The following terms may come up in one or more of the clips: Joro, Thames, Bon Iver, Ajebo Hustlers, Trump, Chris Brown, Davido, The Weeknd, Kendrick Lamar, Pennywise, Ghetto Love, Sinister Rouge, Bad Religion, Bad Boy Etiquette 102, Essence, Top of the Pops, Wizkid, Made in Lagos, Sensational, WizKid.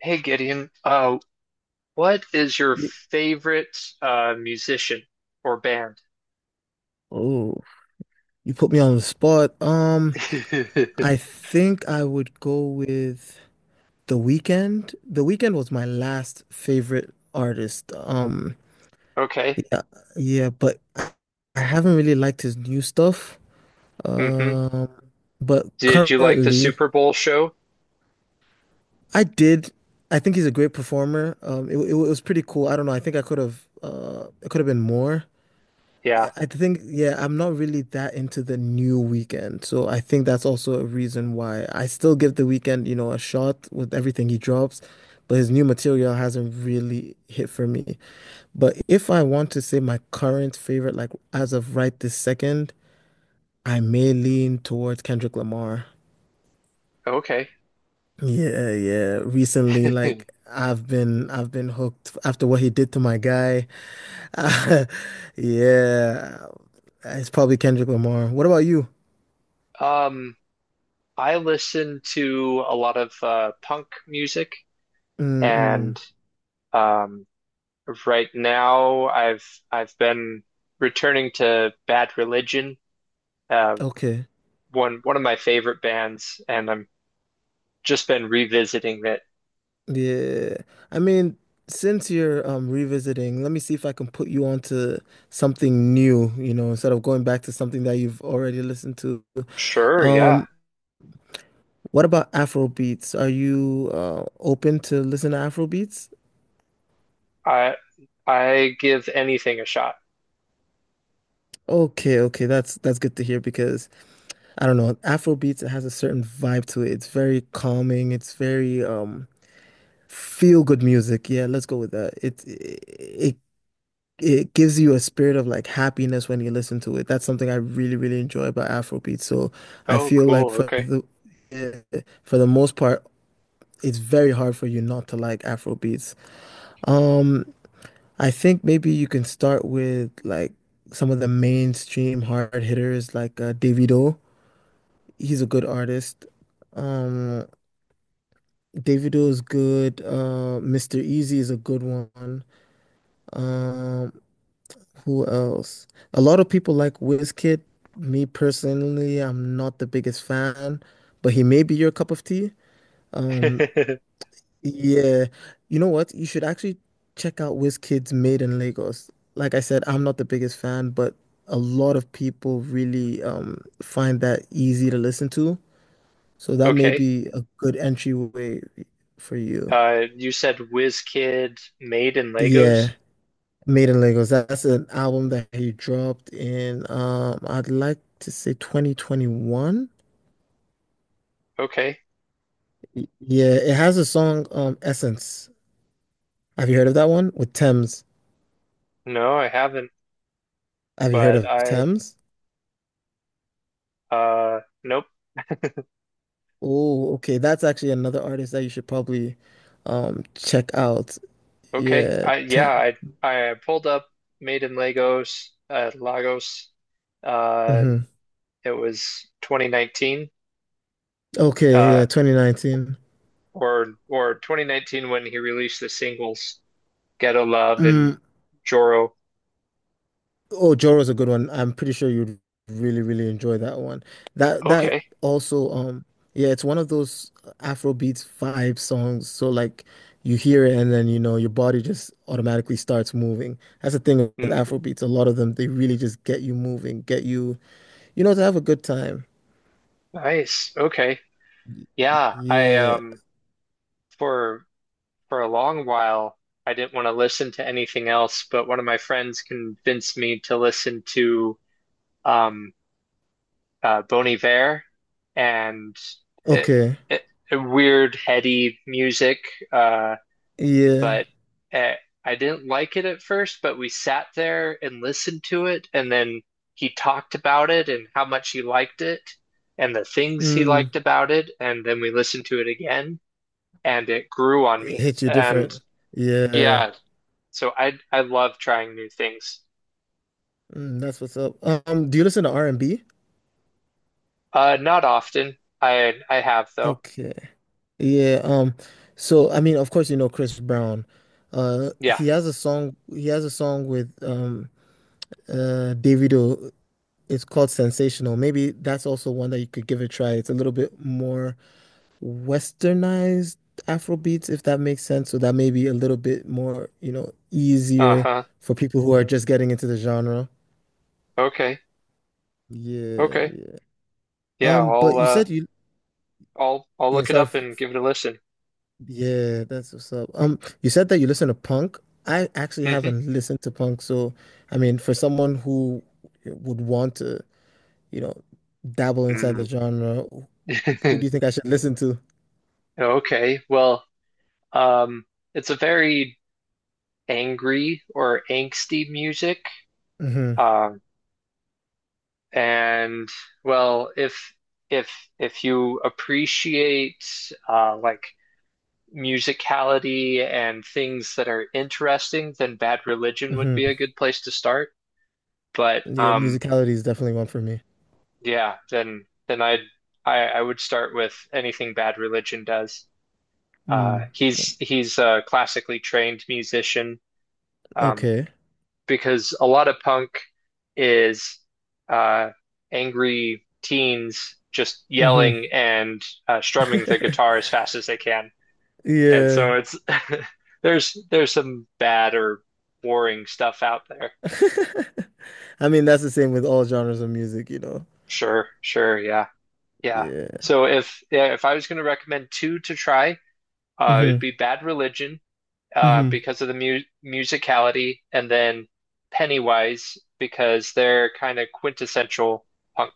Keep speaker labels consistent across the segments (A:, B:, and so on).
A: Hey Gideon, what is your
B: Y-
A: favorite musician or band?
B: Oh, you put me on the spot. I think I would go with The Weeknd. The Weeknd was my last favorite artist.
A: Okay.
B: Yeah, yeah, but I haven't really liked his new stuff.
A: Hmm.
B: Um, but
A: Did you like the
B: currently,
A: Super Bowl show?
B: I did. I think he's a great performer. It was pretty cool. I don't know. I think I could have, it could have been more.
A: Yeah.
B: I think, yeah, I'm not really that into the new weekend. So I think that's also a reason why I still give the weekend, a shot with everything he drops, but his new material hasn't really hit for me. But if I want to say my current favorite, like as of right this second, I may lean towards Kendrick Lamar.
A: Okay.
B: Yeah, yeah. Recently, like I've been hooked after what he did to my guy. Yeah. It's probably Kendrick Lamar. What about you?
A: Um, I listen to a lot of punk music,
B: Mm-mm.
A: and um, right now I've been returning to Bad Religion, uh,
B: Okay.
A: one of my favorite bands, and I'm just been revisiting it.
B: Yeah. I mean, since you're revisiting, let me see if I can put you onto something new, instead of going back to something that you've already listened to.
A: Sure. Yeah.
B: Um, what about Afro beats? Are you open to listen to Afro beats?
A: I I give anything a shot.
B: Okay, okay, that's good to hear because I don't know, Afro beats it has a certain vibe to it. It's very calming, it's very feel good music. Yeah, let's go with that. It gives you a spirit of like happiness when you listen to it. That's something I really, really enjoy about Afrobeat. So I
A: Oh,
B: feel like
A: cool.
B: for
A: Okay.
B: the eh, for the most part, it's very hard for you not to like Afrobeats. Um, I think maybe you can start with like some of the mainstream hard hitters like Davido. He's a good artist. Um, Davido is good. Mr. Easy is a good one. Um, Who else? A lot of people like Wizkid. Me personally, I'm not the biggest fan, but he may be your cup of tea. Um, yeah, you know what? You should actually check out Wizkid's Made in Lagos. Like I said, I'm not the biggest fan, but a lot of people really find that easy to listen to. So that may
A: Okay.
B: be a good entryway for you.
A: You said WizKid made in Legos?
B: Yeah. Made in Lagos. That's an album that he dropped in I'd like to say 2021.
A: Okay.
B: Yeah, it has a song Essence. Have you heard of that one? With Thames.
A: No, I haven't,
B: Have you heard
A: but
B: of
A: I
B: Thames?
A: uh nope.
B: Oh, okay. That's actually another artist that you should probably check out.
A: Okay.
B: Yeah.
A: I yeah, I pulled up Made in Legos Lagos. Uh,
B: Mhm.
A: it was 2019
B: Okay,
A: uh
B: yeah, 2019.
A: or 2019 when he released the singles Ghetto Love and
B: Mm.
A: Joro.
B: Oh, Joro's a good one. I'm pretty sure you'd really, really enjoy that one. That
A: Okay.
B: also, yeah, it's one of those Afrobeats vibe songs. So like you hear it and then you know your body just automatically starts moving. That's the thing with
A: Mm-hmm.
B: Afrobeats. A lot of them, they really just get you moving, get you, to have a good time.
A: Nice. Okay.
B: Y-
A: Yeah, I
B: Yeah.
A: um for for a long while I didn't want to listen to anything else, but one of my friends convinced me to listen to um Bon Iver and it,
B: Okay.
A: it, weird heady music, uh
B: Yeah.
A: but eh, I didn't like it at first, but we sat there and listened to it and then he talked about it and how much he liked it and the things he
B: Mm.
A: liked about it and then we listened to it again and it grew on
B: It
A: me.
B: hits you
A: And
B: different. Yeah.
A: yeah, so I love trying new things.
B: Mm, that's what's up. Do you listen to R&B?
A: Not often. I have though.
B: Okay. Yeah, so I mean, of course, you know Chris Brown.
A: Yeah.
B: He has a song. He has a song with Davido. It's called Sensational. Maybe that's also one that you could give a try. It's a little bit more westernized Afrobeats, if that makes sense. So that may be a little bit more, easier
A: Uh-huh.
B: for people who are just getting into the genre.
A: Okay.
B: Yeah,
A: Okay.
B: yeah.
A: Yeah, I'll
B: But you said you,
A: I'll
B: yeah,
A: look it
B: sorry.
A: up and give it a listen.
B: Yeah, that's what's up. You said that you listen to punk. I actually
A: Hmm.
B: haven't listened to punk, so I mean, for someone who would want to, you know, dabble inside the
A: Mm.
B: genre, who do you think I should listen to?
A: Okay. Well, um it's a very angry or angsty music.
B: Hmm.
A: Um and well, if if you appreciate like musicality and things that are interesting, then Bad Religion would be a
B: Hmm.
A: good place to start. But
B: Yeah, musicality is definitely one for me.
A: yeah, then I would start with anything Bad Religion does.
B: Mm.
A: He's a classically trained musician, um,
B: Okay.
A: because a lot of punk is uh, angry teens just
B: Hmm.
A: yelling and strumming the guitar as fast as they can. And so
B: Yeah.
A: it's there's some bad or boring stuff out there.
B: I mean, that's the same with all genres of music, you know.
A: Sure, sure, yeah, yeah.
B: Yeah.
A: So if yeah, if I was going to recommend two to try, it'd
B: Hmm.
A: be Bad Religion,
B: Hmm.
A: because of the mu musicality, and then Pennywise because they're kind of quintessential punk.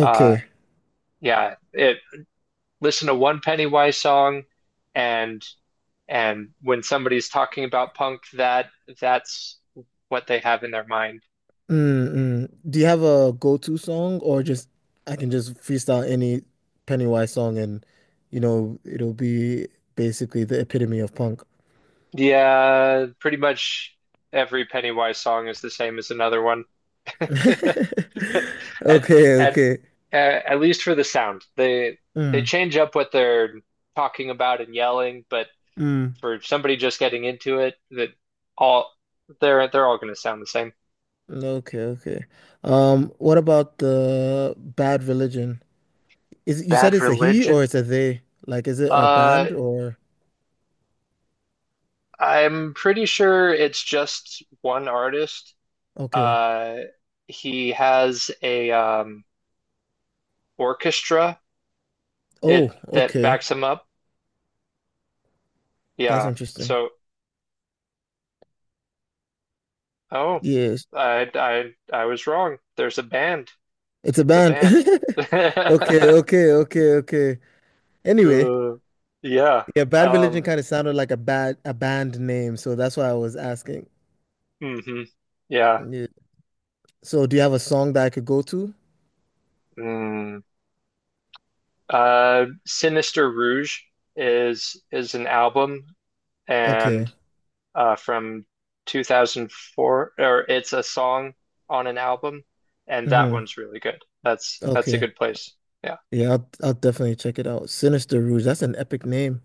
A: Uh, yeah, it listen to one Pennywise song, and and when somebody's talking about punk, that's what they have in their mind.
B: Mm-mm. Do you have a go-to song or just I can just freestyle any Pennywise song and you know it'll be basically the epitome of punk.
A: Yeah, pretty much every Pennywise song is the same as another one. At
B: Okay,
A: at
B: okay.
A: at least for the sound. They
B: Mm,
A: change up what they're talking about and yelling, but
B: mm.
A: for somebody just getting into it, that all they're all going to sound the same.
B: Okay, okay. What about the Bad Religion? Is you said
A: Bad
B: it's a he or
A: Religion.
B: it's a they? Like, is it a
A: Uh,
B: band or
A: I'm pretty sure it's just one artist.
B: okay.
A: Uh, he has a orchestra it
B: Oh,
A: that
B: okay.
A: backs him up.
B: That's
A: Yeah.
B: interesting.
A: So, oh,
B: Yes.
A: I was wrong. There's a band.
B: It's a
A: It's a
B: band.
A: band.
B: Okay, okay, okay, okay. Anyway,
A: Uh, yeah.
B: yeah, Bad Religion
A: Um.
B: kind of sounded like a bad a band name, so that's why I was asking.
A: Hmm. Yeah.
B: Yeah. So do you have a song that I could go to?
A: Mm. Uh, Sinister Rouge is an album, and
B: Okay.
A: from 2004, or it's a song on an album, and that
B: Hmm.
A: one's really good. That's a
B: Okay.
A: good place. Yeah.
B: Yeah, I'll definitely check it out. Sinister Rouge, that's an epic name.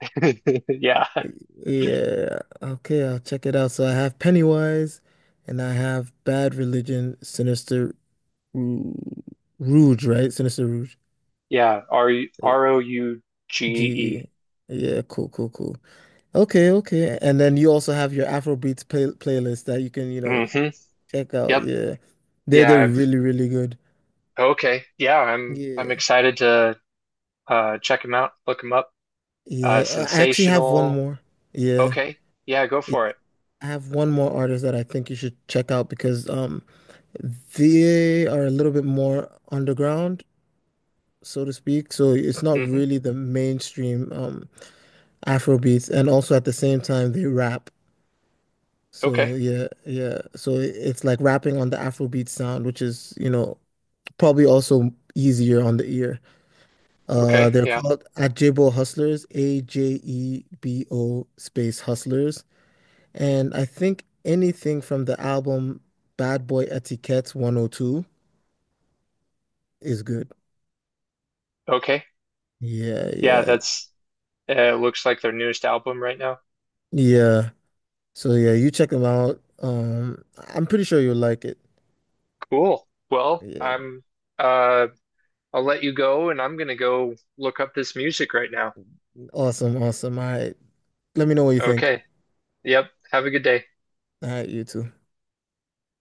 A: Yeah.
B: Yeah. Okay, I'll check it out. So I have Pennywise and I have Bad Religion, Sinister Rou- Rouge, right? Sinister Rouge.
A: Yeah, R
B: Uh,
A: R O U G
B: G.
A: E.
B: E. Yeah, cool, cool, cool. Okay, okay. And then you also have your Afrobeats playlist that you can,
A: Mm-hmm.
B: check out,
A: Yep.
B: yeah. They're
A: Yeah,
B: they're
A: I've
B: really, really good.
A: Okay. Yeah, I'm
B: Yeah.
A: excited to check him out, look him up. Uh,
B: Yeah. I actually have one
A: sensational.
B: more. Yeah.
A: Okay. Yeah, go
B: Yeah.
A: for it.
B: I have one more artist that I think you should check out because they are a little bit more underground, so to speak. So it's not
A: Mm-hmm.
B: really the mainstream Afro beats, and also at the same time they rap.
A: Okay.
B: So yeah, yeah. So it's like rapping on the Afrobeat sound, which is, probably also easier on the ear.
A: Okay.
B: They're
A: Yeah.
B: called Ajebo Hustlers, AJEBO space Hustlers. And I think anything from the album Bad Boy Etiquette 102 is good.
A: Okay.
B: Yeah,
A: Yeah,
B: yeah,
A: that's looks like their newest album right now.
B: yeah. So yeah, you check them out. I'm pretty sure you'll like it.
A: Cool. Well,
B: Yeah.
A: I'm uh I'll let you go and I'm gonna go look up this music right now.
B: Awesome, awesome. All right. Let me know what you think.
A: Okay. Yep. Have a good day.
B: All right, you too.